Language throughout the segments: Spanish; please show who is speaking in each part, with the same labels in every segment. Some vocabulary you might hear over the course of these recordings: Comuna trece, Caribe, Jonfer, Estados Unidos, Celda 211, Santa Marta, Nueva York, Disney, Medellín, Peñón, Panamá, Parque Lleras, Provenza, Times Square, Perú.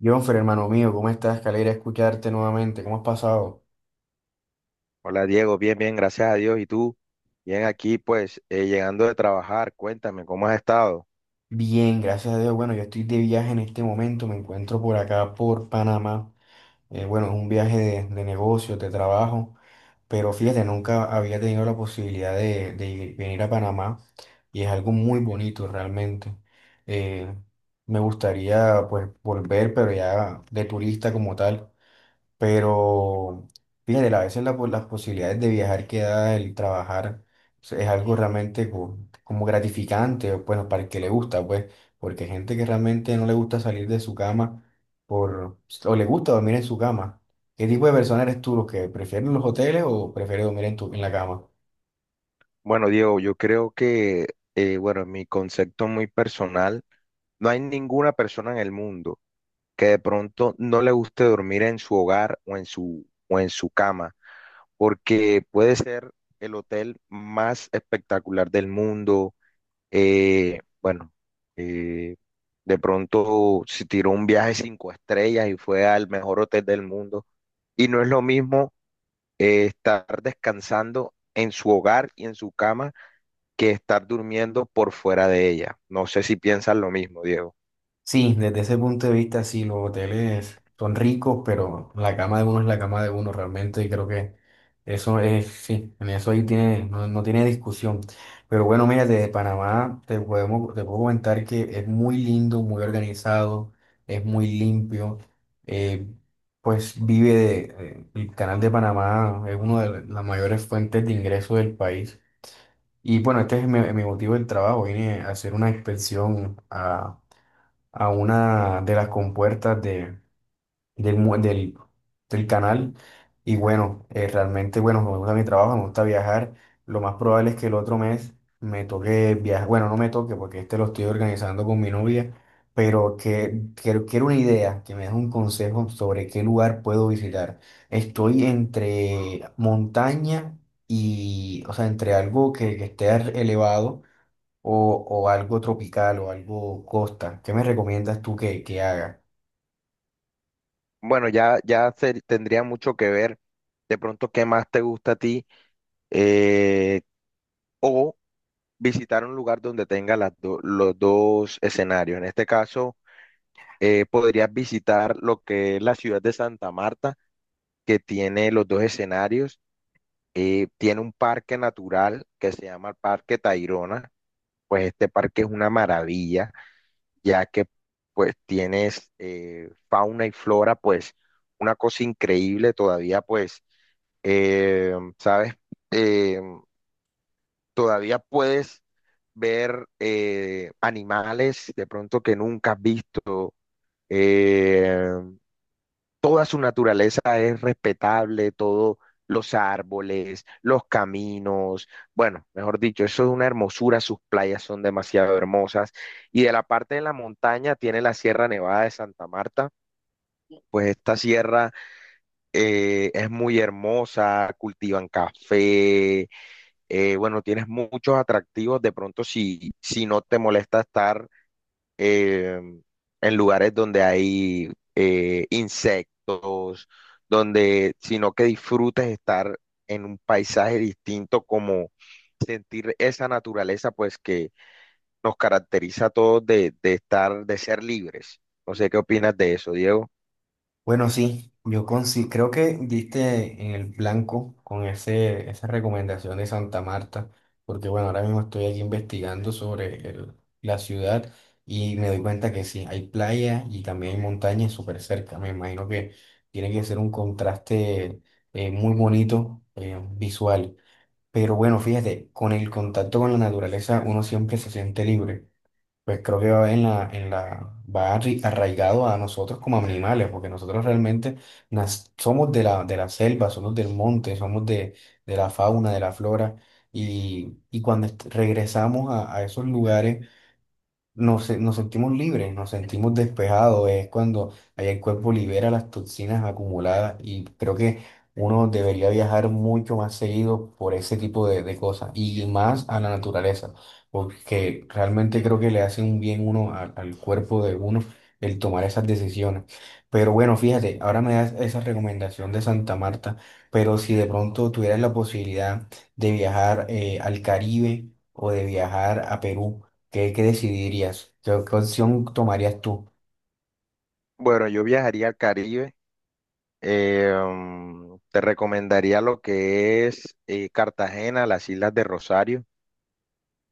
Speaker 1: Jonfer, hermano mío, ¿cómo estás? Qué alegría escucharte nuevamente. ¿Cómo has pasado?
Speaker 2: Hola Diego, bien, bien, gracias a Dios. ¿Y tú? Bien aquí, pues, llegando de trabajar, cuéntame, ¿cómo has estado?
Speaker 1: Bien, gracias a Dios. Bueno, yo estoy de viaje en este momento. Me encuentro por acá, por Panamá. Bueno, es un viaje de negocios, de trabajo. Pero fíjate, nunca había tenido la posibilidad de venir a Panamá. Y es algo muy bonito realmente. Eh, Me gustaría, pues, volver, pero ya de turista como tal. Pero fíjate, a veces las posibilidades de viajar que da el trabajar pues, es algo realmente como gratificante, o, bueno, para el que le gusta, pues, porque hay gente que realmente no le gusta salir de su cama por, pues, o le gusta dormir en su cama. ¿Qué tipo de persona eres tú, los que prefieren los hoteles o prefieres dormir en tu, en la cama?
Speaker 2: Bueno, Diego, yo creo que, bueno, en mi concepto muy personal, no hay ninguna persona en el mundo que de pronto no le guste dormir en su hogar o en su cama, porque puede ser el hotel más espectacular del mundo. Eh, bueno, eh, de pronto se tiró un viaje cinco estrellas y fue al mejor hotel del mundo. Y no es lo mismo estar descansando en su hogar y en su cama que estar durmiendo por fuera de ella. No sé si piensan lo mismo, Diego.
Speaker 1: Sí, desde ese punto de vista, sí, los hoteles son ricos, pero la cama de uno es la cama de uno realmente y creo que eso es, sí, en eso ahí tiene, no, no tiene discusión. Pero bueno, mira, desde Panamá te puedo comentar que es muy lindo, muy organizado, es muy limpio, eh, pues vive de, el canal de Panamá es una de las mayores fuentes de ingreso del país. Y bueno, este es mi motivo del trabajo, vine a hacer una inspección a una de las compuertas de, del, mu- del, del canal. Y bueno, realmente, bueno, me gusta mi trabajo, me gusta viajar. Lo más probable es que el otro mes me toque viajar. Bueno, no me toque porque este lo estoy organizando con mi novia, pero que, quiero una idea, que me des un consejo sobre qué lugar puedo visitar. Estoy entre montaña y, o sea, entre algo que esté elevado o algo tropical o algo costa. ¿Qué me recomiendas tú que haga?
Speaker 2: Bueno, tendría mucho que ver de pronto qué más te gusta a ti, eh, o visitar un lugar donde tenga las los dos escenarios. En este caso, podrías visitar lo que es la ciudad de Santa Marta, que tiene los dos escenarios. Tiene un parque natural que se llama el Parque Tayrona. Pues este parque es una maravilla, ya que pues tienes fauna y flora, pues una cosa increíble todavía, pues, eh, ¿sabes? Eh, Todavía puedes ver animales de pronto que nunca has visto. eh, Toda su naturaleza es respetable, todos los árboles, los caminos, bueno, mejor dicho, eso es una hermosura, sus playas son demasiado hermosas. Y de la parte de la montaña tiene la Sierra Nevada de Santa Marta, pues esta sierra es muy hermosa, cultivan café. Bueno, tienes muchos atractivos, de pronto si, si no te molesta estar eh, en lugares donde hay insectos, donde, sino que disfrutes estar en un paisaje distinto, como sentir esa naturaleza, pues que nos caracteriza a todos de estar, de ser libres. No sé qué opinas de eso, Diego.
Speaker 1: Bueno, sí, creo que diste en el blanco con esa recomendación de Santa Marta, porque bueno, ahora mismo estoy aquí investigando sobre la ciudad y me doy cuenta que sí, hay playa y también hay montañas súper cerca. Me imagino que tiene que ser un contraste muy bonito, visual. Pero bueno, fíjate, con el contacto con la naturaleza uno siempre se siente libre. Pues creo que va va arraigado a nosotros como animales, porque nosotros realmente somos de la selva, somos del monte, somos de la fauna, de la flora, y cuando regresamos a esos lugares, nos sentimos libres, nos sentimos despejados, es cuando ahí el cuerpo libera las toxinas acumuladas y creo que uno debería viajar mucho más seguido por ese tipo de cosas y más a la naturaleza, porque realmente creo que le hace un bien uno al cuerpo de uno el tomar esas decisiones. Pero bueno, fíjate, ahora me das esa recomendación de Santa Marta, pero si de pronto tuvieras la posibilidad de viajar al Caribe o de viajar a Perú, ¿qué, qué decidirías? ¿Qué, qué opción tomarías tú?
Speaker 2: Bueno, yo viajaría al Caribe. Te recomendaría lo que es Cartagena, las Islas de Rosario.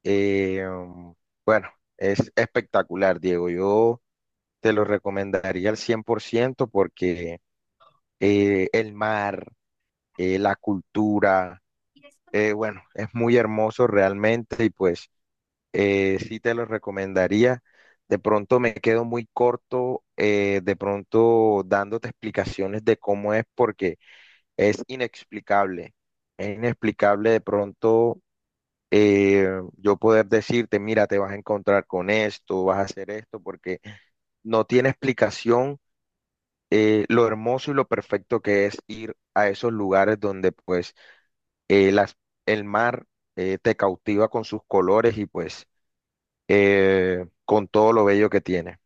Speaker 2: eh, mm, bueno, es espectacular, Diego. Yo Te lo recomendaría al 100% porque el mar, la cultura, bueno, es muy hermoso realmente y pues, sí te lo recomendaría. De pronto me quedo muy corto, de pronto dándote explicaciones de cómo es porque es inexplicable. Es inexplicable de pronto, eh, yo poder decirte, mira, te vas a encontrar con esto, vas a hacer esto, porque no tiene explicación, lo hermoso y lo perfecto que es ir a esos lugares donde pues, eh, las, el mar te cautiva con sus colores y pues con todo lo bello que tiene.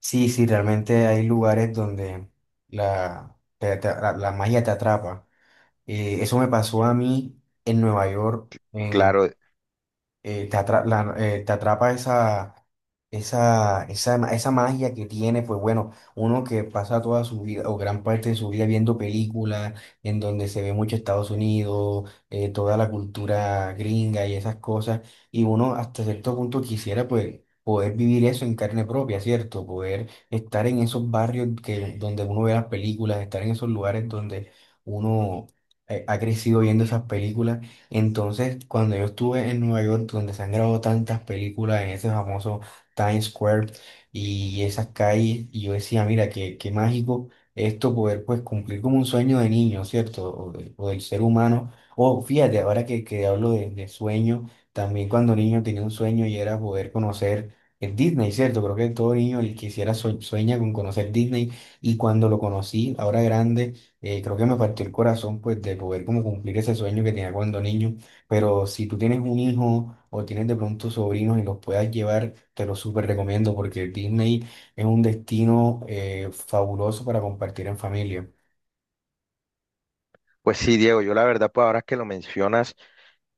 Speaker 1: Sí, sí, realmente hay lugares donde la magia te atrapa. Eso me pasó a mí en Nueva York,
Speaker 2: Claro,
Speaker 1: te atrapa esa magia que tiene, pues bueno, uno que pasa toda su vida o gran parte de su vida viendo películas en donde se ve mucho Estados Unidos, toda la cultura gringa y esas cosas, y uno hasta cierto punto quisiera pues poder vivir eso en carne propia, ¿cierto? Poder estar en esos barrios donde uno ve las películas, estar en esos lugares donde uno ha crecido viendo esas películas entonces, cuando yo estuve en Nueva York, donde se han grabado tantas películas en ese famoso Times Square y esas calles, y yo decía, mira, qué, qué mágico esto poder pues cumplir como un sueño de niño, ¿cierto? O, o del ser humano. O fíjate, ahora que hablo de sueño, también cuando niño tenía un sueño y era poder conocer el Disney, ¿cierto? Creo que todo niño el quisiera sueña con conocer Disney y cuando lo conocí, ahora grande, creo que me partió el corazón pues de poder como cumplir ese sueño que tenía cuando niño, pero si tú tienes un hijo o tienes de pronto sobrinos y los puedas llevar, te lo súper recomiendo porque Disney es un destino fabuloso para compartir en familia.
Speaker 2: pues sí, Diego, yo la verdad pues ahora que lo mencionas,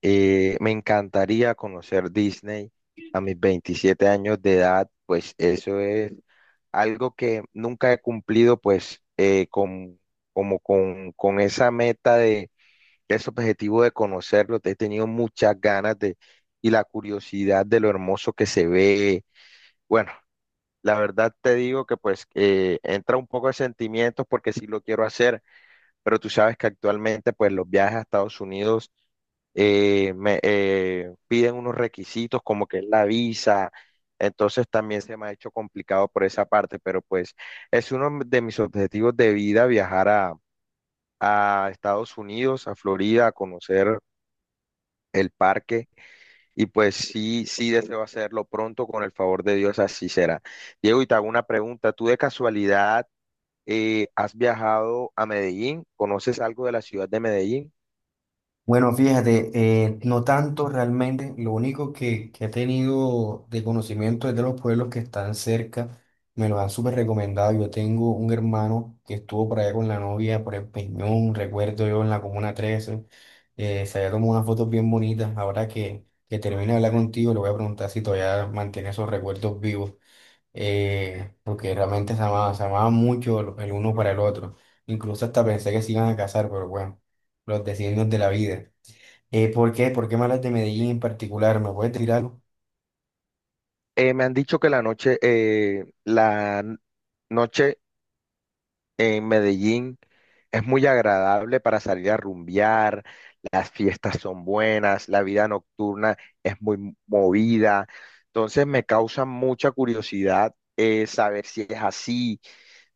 Speaker 2: me encantaría conocer Disney a mis 27 años de edad, pues eso es algo que nunca he cumplido pues como con esa meta de ese objetivo de conocerlo, te he tenido muchas ganas de y la curiosidad de lo hermoso que se ve. Bueno, la verdad te digo que pues entra un poco de sentimientos porque sí lo quiero hacer, pero tú sabes que actualmente pues los viajes a Estados Unidos me piden unos requisitos como que es la visa, entonces también se me ha hecho complicado por esa parte, pero pues es uno de mis objetivos de vida viajar a Estados Unidos, a Florida, a conocer el parque. Y pues sí, sí deseo hacerlo pronto, con el favor de Dios, así será. Diego, y te hago una pregunta. ¿Tú de casualidad has viajado a Medellín? ¿Conoces algo de la ciudad de Medellín?
Speaker 1: Bueno, fíjate, no tanto realmente, lo único que he tenido de conocimiento es de los pueblos que están cerca, me los han súper recomendado, yo tengo un hermano que estuvo por allá con la novia, por el Peñón, recuerdo yo en la Comuna 13. Se había tomado unas fotos bien bonitas, ahora que termine de hablar contigo le voy a preguntar si todavía mantiene esos recuerdos vivos, porque realmente se amaban mucho el uno para el otro. Incluso hasta pensé que se iban a casar, pero bueno, los designios de la vida. ¿Por qué? ¿Por qué malas de Medellín en particular? ¿Me puedes decir algo?
Speaker 2: Me han dicho que la noche, noche en Medellín es muy agradable para salir a rumbear, las fiestas son buenas, la vida nocturna es muy movida, entonces me causa mucha curiosidad saber si es así.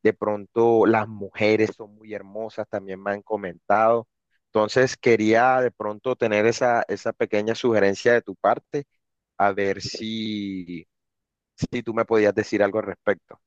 Speaker 2: De pronto las mujeres son muy hermosas, también me han comentado. Entonces quería de pronto tener esa, esa pequeña sugerencia de tu parte, a ver si, si tú me podías decir algo al respecto.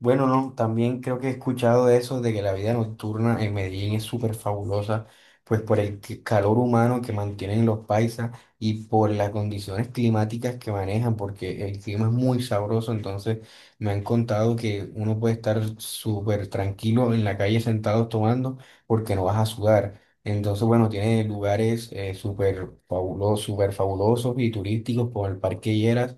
Speaker 1: Bueno, no, también creo que he escuchado de eso, de que la vida nocturna en Medellín es súper fabulosa, pues por el calor humano que mantienen los paisas y por las condiciones climáticas que manejan, porque el clima es muy sabroso, entonces me han contado que uno puede estar súper tranquilo en la calle sentado tomando porque no vas a sudar. Entonces, bueno, tiene lugares súper fabulosos y turísticos como el Parque Lleras.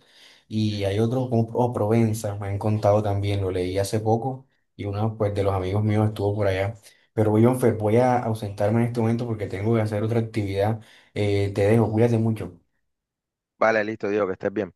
Speaker 1: Y hay otro como o Provenza, me han contado también, lo leí hace poco y uno pues, de los amigos míos estuvo por allá. Pero Jonfer, voy a ausentarme en este momento porque tengo que hacer otra actividad. Te dejo, cuídate mucho.
Speaker 2: Vale, listo, Diego, que estés bien.